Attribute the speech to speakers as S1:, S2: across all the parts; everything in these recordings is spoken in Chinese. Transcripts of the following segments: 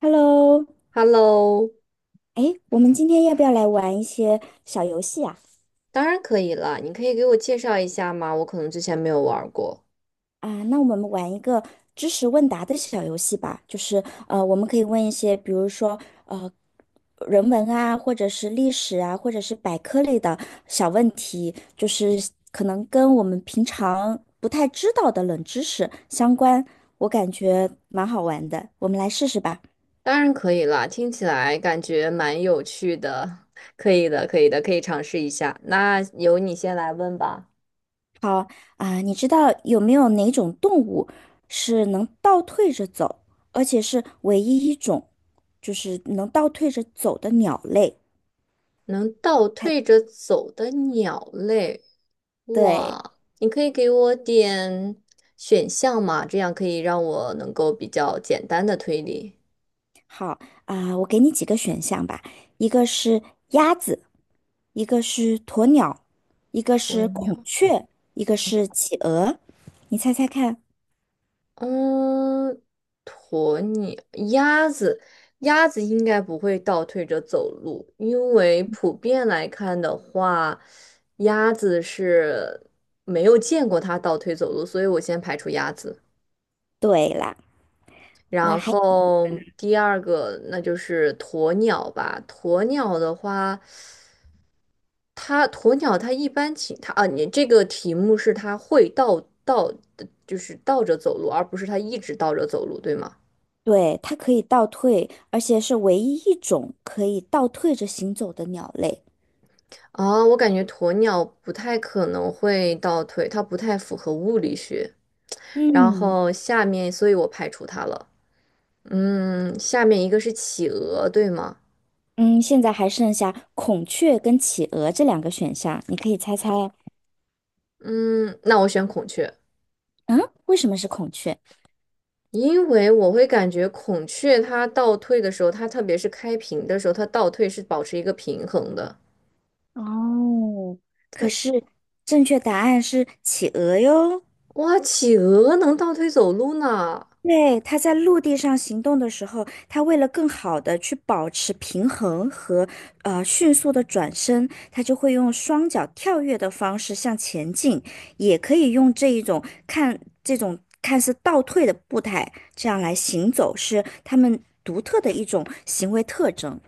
S1: Hello，
S2: Hello，
S1: 哎，我们今天要不要来玩一些小游戏啊？
S2: 当然可以了。你可以给我介绍一下吗？我可能之前没有玩儿过。
S1: 啊，那我们玩一个知识问答的小游戏吧，就是我们可以问一些，比如说呃，人文啊，或者是历史啊，或者是百科类的小问题，就是可能跟我们平常不太知道的冷知识相关，我感觉蛮好玩的，我们来试试吧。
S2: 当然可以啦，听起来感觉蛮有趣的。可以的，可以的，可以尝试一下。那由你先来问吧。
S1: 好啊，你知道有没有哪种动物是能倒退着走，而且是唯一一种，就是能倒退着走的鸟类？
S2: 能倒退着走的鸟类，
S1: 对，
S2: 哇，你可以给我点选项吗？这样可以让我能够比较简单的推理。
S1: 好啊，我给你几个选项吧，一个是鸭子，一个是鸵鸟，一个
S2: 鸵
S1: 是孔
S2: 鸟。
S1: 雀，一个是企鹅，你猜猜看？
S2: 嗯，鸵鸟、鸭子，鸭子应该不会倒退着走路，因为普遍来看的话，鸭子是没有见过它倒退走路，所以我先排除鸭子。
S1: 对啦，那
S2: 然
S1: 还
S2: 后第二个，那就是鸵鸟吧。鸵鸟的话，它鸵鸟它一般情它啊，你这个题目是它会倒，就是倒着走路，而不是它一直倒着走路，对吗？
S1: 对，它可以倒退，而且是唯一一种可以倒退着行走的鸟类。
S2: 啊，我感觉鸵鸟不太可能会倒退，它不太符合物理学。然
S1: 嗯。
S2: 后下面，所以我排除它了。嗯，下面一个是企鹅，对吗？
S1: 嗯，现在还剩下孔雀跟企鹅这两个选项，你可以猜猜啊，
S2: 嗯，那我选孔雀，
S1: 嗯，为什么是孔雀？
S2: 因为我会感觉孔雀它倒退的时候，它特别是开屏的时候，它倒退是保持一个平衡的。
S1: 哦，可
S2: 哎，
S1: 是正确答案是企鹅哟。
S2: 哇，企鹅能倒退走路呢？
S1: 对，它在陆地上行动的时候，它为了更好的去保持平衡和迅速的转身，它就会用双脚跳跃的方式向前进，也可以用这种看似倒退的步态，这样来行走，是它们独特的一种行为特征，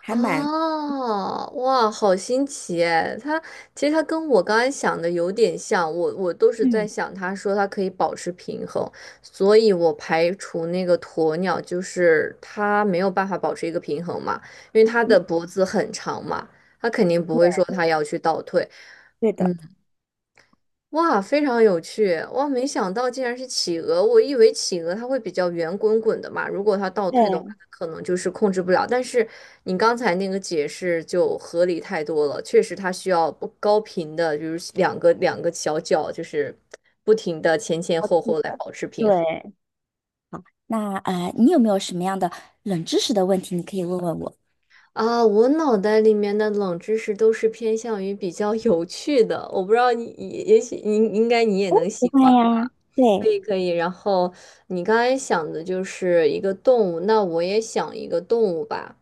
S1: 还蛮
S2: 哦，哇，好新奇哎！它其实它跟我刚才想的有点像，我都是在
S1: 嗯
S2: 想，他说它可以保持平衡，所以我排除那个鸵鸟，就是它没有办法保持一个平衡嘛，因为它的
S1: 嗯，
S2: 脖子很长嘛，它肯定不会
S1: 对
S2: 说它要去倒退。
S1: 对的。
S2: 嗯。哇，非常有趣！哇，没想到竟然是企鹅，我以为企鹅它会比较圆滚滚的嘛，如果它倒
S1: 对，
S2: 退的话，
S1: 我
S2: 它可能就是控制不了。但是你刚才那个解释就合理太多了，确实它需要不高频的，就是两个小脚，就是不停的前前后
S1: 记
S2: 后来
S1: 得。
S2: 保持平衡。
S1: 对，那你有没有什么样的冷知识的问题，你可以问问我？
S2: 啊，我脑袋里面的冷知识都是偏向于比较有趣的，我不知道你，也也许你应该你也能
S1: 不
S2: 喜
S1: 会
S2: 欢。
S1: 呀。
S2: 可
S1: 对。
S2: 以可以，然后你刚才想的就是一个动物，那我也想一个动物吧。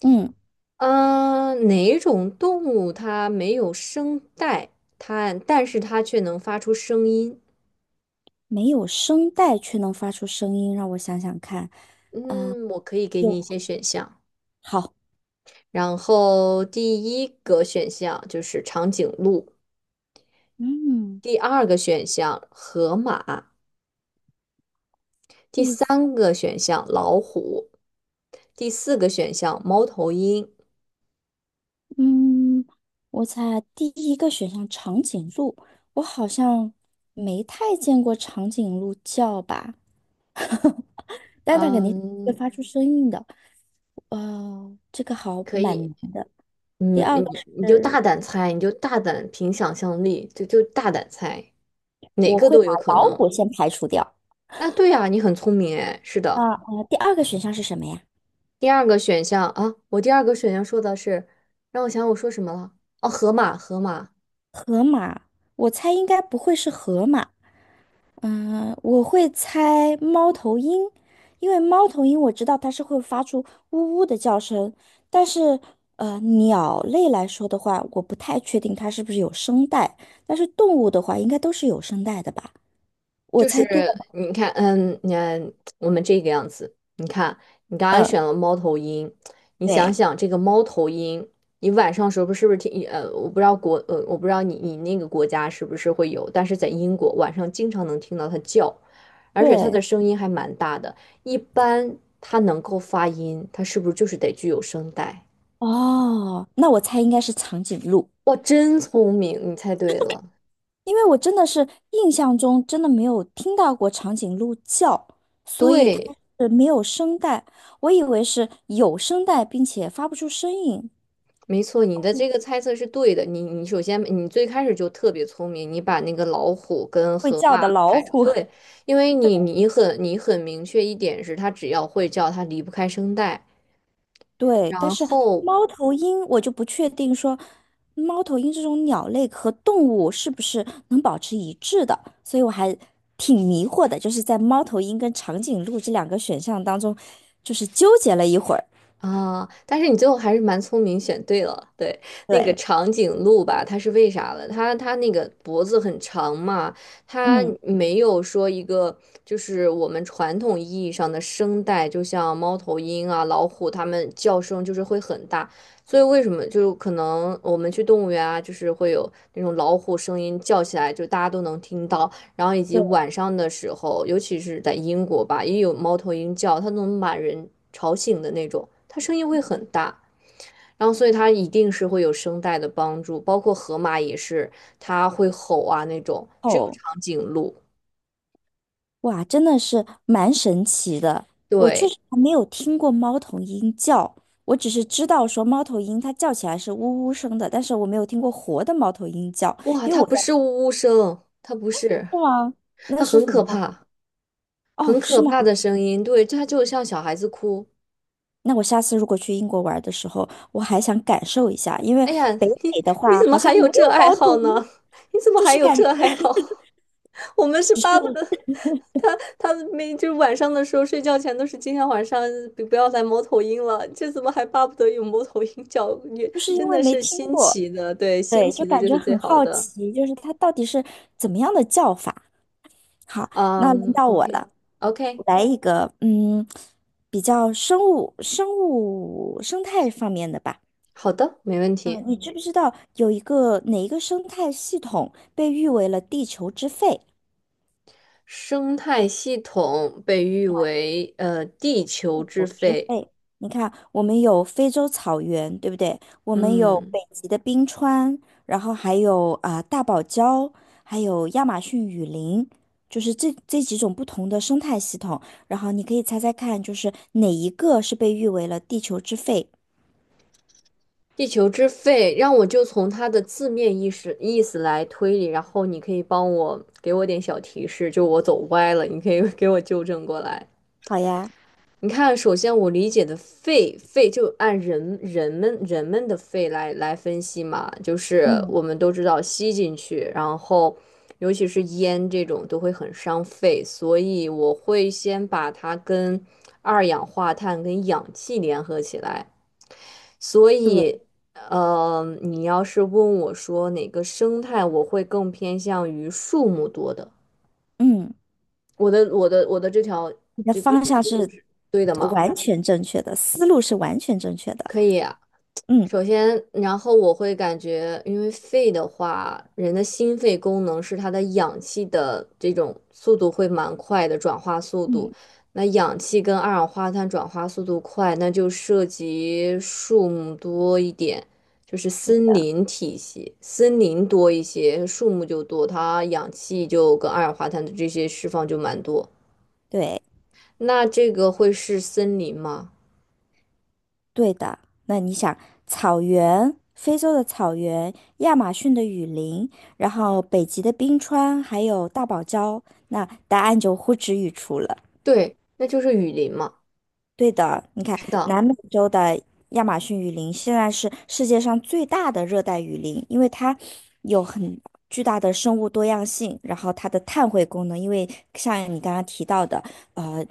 S1: 嗯，
S2: 嗯，哪种动物它没有声带，它但是它却能发出声音？
S1: 没有声带却能发出声音，让我想想看，啊、
S2: 嗯，我可以给
S1: 有，
S2: 你一些选项。
S1: 好，
S2: 然后第一个选项就是长颈鹿，
S1: 嗯，
S2: 第二个选项河马，第
S1: 第四
S2: 三个选项老虎，第四个选项猫头鹰。
S1: 嗯，我猜第一个选项长颈鹿，我好像没太见过长颈鹿叫吧，但它肯定会
S2: 嗯，
S1: 发出声音的，这个好
S2: 可
S1: 蛮
S2: 以，
S1: 难的。第
S2: 嗯，
S1: 二个
S2: 你就
S1: 是，
S2: 大胆猜，你就大胆凭想象力，就大胆猜，哪
S1: 我
S2: 个
S1: 会
S2: 都
S1: 把
S2: 有可
S1: 老
S2: 能。
S1: 虎先排除掉，
S2: 啊，对呀，你很聪明哎，是的。
S1: 第二个选项是什么呀？
S2: 第二个选项啊，我第二个选项说的是，让我想想我说什么了？哦，河马，河马。
S1: 河马，我猜应该不会是河马。嗯，我会猜猫头鹰，因为猫头鹰我知道它是会发出呜呜的叫声，但是鸟类来说的话，我不太确定它是不是有声带，但是动物的话，应该都是有声带的吧？我
S2: 就是
S1: 猜对吧
S2: 你看，嗯，你看我们这个样子，你看你刚刚
S1: 嗯，
S2: 选了猫头鹰，你
S1: 对，
S2: 想想这个猫头鹰，你晚上时候不是听我不知道国我不知道你那个国家是不是会有，但是在英国晚上经常能听到它叫，而且它的
S1: 对，
S2: 声音还蛮大的，一般它能够发音，它是不是就是得具有声带？
S1: 哦，那我猜应该是长颈鹿，
S2: 哇，真聪明，你猜对了，
S1: 因为我真的是印象中真的没有听到过长颈鹿叫，
S2: 对，
S1: 没有声带，我以为是有声带并且发不出声音，
S2: 没错，你的这个猜测是对的。你首先你最开始就特别聪明，你把那个老虎跟
S1: 会
S2: 河
S1: 叫
S2: 马
S1: 的老
S2: 排除。
S1: 虎。
S2: 对，因为你很明确一点是，它只要会叫，它离不开声带。
S1: 对，
S2: 然
S1: 但是
S2: 后
S1: 猫头鹰我就不确定说，猫头鹰这种鸟类和动物是不是能保持一致的，所以我还挺迷惑的，就是在猫头鹰跟长颈鹿这两个选项当中，就是纠结了一会儿。
S2: 啊，但是你最后还是蛮聪明，选对了。对，那个
S1: 对，
S2: 长颈鹿吧，它是为啥了？它那个脖子很长嘛，它
S1: 嗯，
S2: 没有说一个就是我们传统意义上的声带，就像猫头鹰啊、老虎，它们叫声就是会很大。所以为什么就可能我们去动物园啊，就是会有那种老虎声音叫起来，就大家都能听到。然后以及
S1: 对，
S2: 晚上的时候，尤其是在英国吧，也有猫头鹰叫，它能把人吵醒的那种，它声音会很大。然后，所以它一定是会有声带的帮助，包括河马也是，它会吼啊那种。只有
S1: 哦，
S2: 长颈鹿，
S1: 哇，真的是蛮神奇的，我确
S2: 对，
S1: 实还没有听过猫头鹰叫。我只是知道说猫头鹰它叫起来是呜呜声的，但是我没有听过活的猫头鹰叫，
S2: 哇，
S1: 因为
S2: 它
S1: 我在
S2: 不是呜呜声，它不是，
S1: 是吗？那
S2: 它
S1: 是
S2: 很
S1: 什么
S2: 可
S1: 呀？
S2: 怕，
S1: 哦，
S2: 很
S1: 是
S2: 可
S1: 吗？
S2: 怕的声音。对，它就像小孩子哭，
S1: 那我下次如果去英国玩的时候，我还想感受一下，因为
S2: 哎呀，
S1: 北
S2: 你
S1: 美的
S2: 你
S1: 话
S2: 怎
S1: 好
S2: 么还
S1: 像没
S2: 有这
S1: 有
S2: 爱
S1: 猫头
S2: 好
S1: 鹰，
S2: 呢？你怎么
S1: 就
S2: 还
S1: 是
S2: 有
S1: 感
S2: 这
S1: 觉
S2: 爱好？我们是巴不得他每就是晚上的时候睡觉前都是今天晚上不要来猫头鹰了，这怎么还巴不得有猫头鹰叫？也
S1: 就是因
S2: 真
S1: 为
S2: 的
S1: 没
S2: 是
S1: 听
S2: 新
S1: 过，
S2: 奇的，对，新
S1: 对，就
S2: 奇的
S1: 感
S2: 就
S1: 觉
S2: 是最
S1: 很
S2: 好
S1: 好
S2: 的。
S1: 奇，就是它到底是怎么样的叫法。好，那轮
S2: 嗯
S1: 到我
S2: ，OK。
S1: 了，我
S2: OK,
S1: 来一个，嗯，比较生态方面的吧。
S2: 好的，没问
S1: 嗯，
S2: 题。
S1: 你知不知道有一个哪一个生态系统被誉为了地球之肺？
S2: 生态系统被誉为地球之
S1: 植
S2: 肺。
S1: 被，你看，我们有非洲草原，对不对？我们有
S2: 嗯。
S1: 北极的冰川，然后还有啊、大堡礁，还有亚马逊雨林，就是这几种不同的生态系统。然后你可以猜猜看，就是哪一个是被誉为了地球之肺？
S2: 地球之肺，让我就从它的字面意思来推理，然后你可以帮我给我点小提示，就我走歪了，你可以 给我纠正过来。
S1: 好呀，
S2: 你看，首先我理解的肺，肺就按人们的肺来分析嘛，就是
S1: 嗯，
S2: 我们都知道吸进去，然后尤其是烟这种都会很伤肺，所以我会先把它跟二氧化碳跟氧气联合起来。所
S1: 对，
S2: 以，呃，你要是问我说哪个生态，我会更偏向于树木多的。
S1: 嗯，
S2: 我的这条
S1: 你的
S2: 这这
S1: 方
S2: 个
S1: 向
S2: 思路
S1: 是
S2: 是对的吗？
S1: 完全正确的，思路是完全正确的。
S2: 可以，
S1: 嗯，
S2: 首先，然后我会感觉，因为肺的话，人的心肺功能是它的氧气的这种速度会蛮快的转化速度。
S1: 嗯，
S2: 那氧气跟二氧化碳转化速度快，那就涉及树木多一点，就是
S1: 对，
S2: 森林体系，森林多一些，树木就多，它氧气就跟二氧化碳的这些释放就蛮多。
S1: 对。
S2: 那这个会是森林吗？
S1: 对的，那你想，草原，非洲的草原，亚马逊的雨林，然后北极的冰川，还有大堡礁，那答案就呼之欲出了。
S2: 对，那就是雨林嘛。
S1: 对的，你看
S2: 是的，
S1: 南美洲的亚马逊雨林现在是世界上最大的热带雨林，因为它有很巨大的生物多样性，然后它的碳汇功能，因为像你刚刚提到的，呃，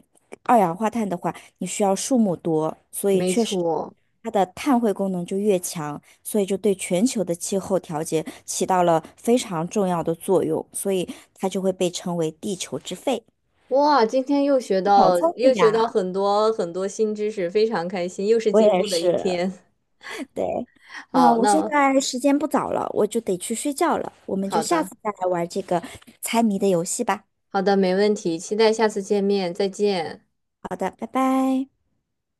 S1: 二氧化碳的话，你需要树木多，所以
S2: 没
S1: 确实
S2: 错。
S1: 它的碳汇功能就越强，所以就对全球的气候调节起到了非常重要的作用，所以它就会被称为地球之肺。
S2: 哇，今天
S1: 好聪
S2: 又
S1: 明
S2: 学到
S1: 呀，
S2: 很多很多新知识，非常开心，又是
S1: 我
S2: 进
S1: 也
S2: 步的一
S1: 是。
S2: 天。
S1: 对，那
S2: 好，
S1: 我现
S2: 那
S1: 在时间不早了，我就得去睡觉了，我们就
S2: 好
S1: 下
S2: 的，
S1: 次再来玩这个猜谜的游戏吧。
S2: 好的，没问题，期待下次见面，再见。
S1: 好的，拜拜。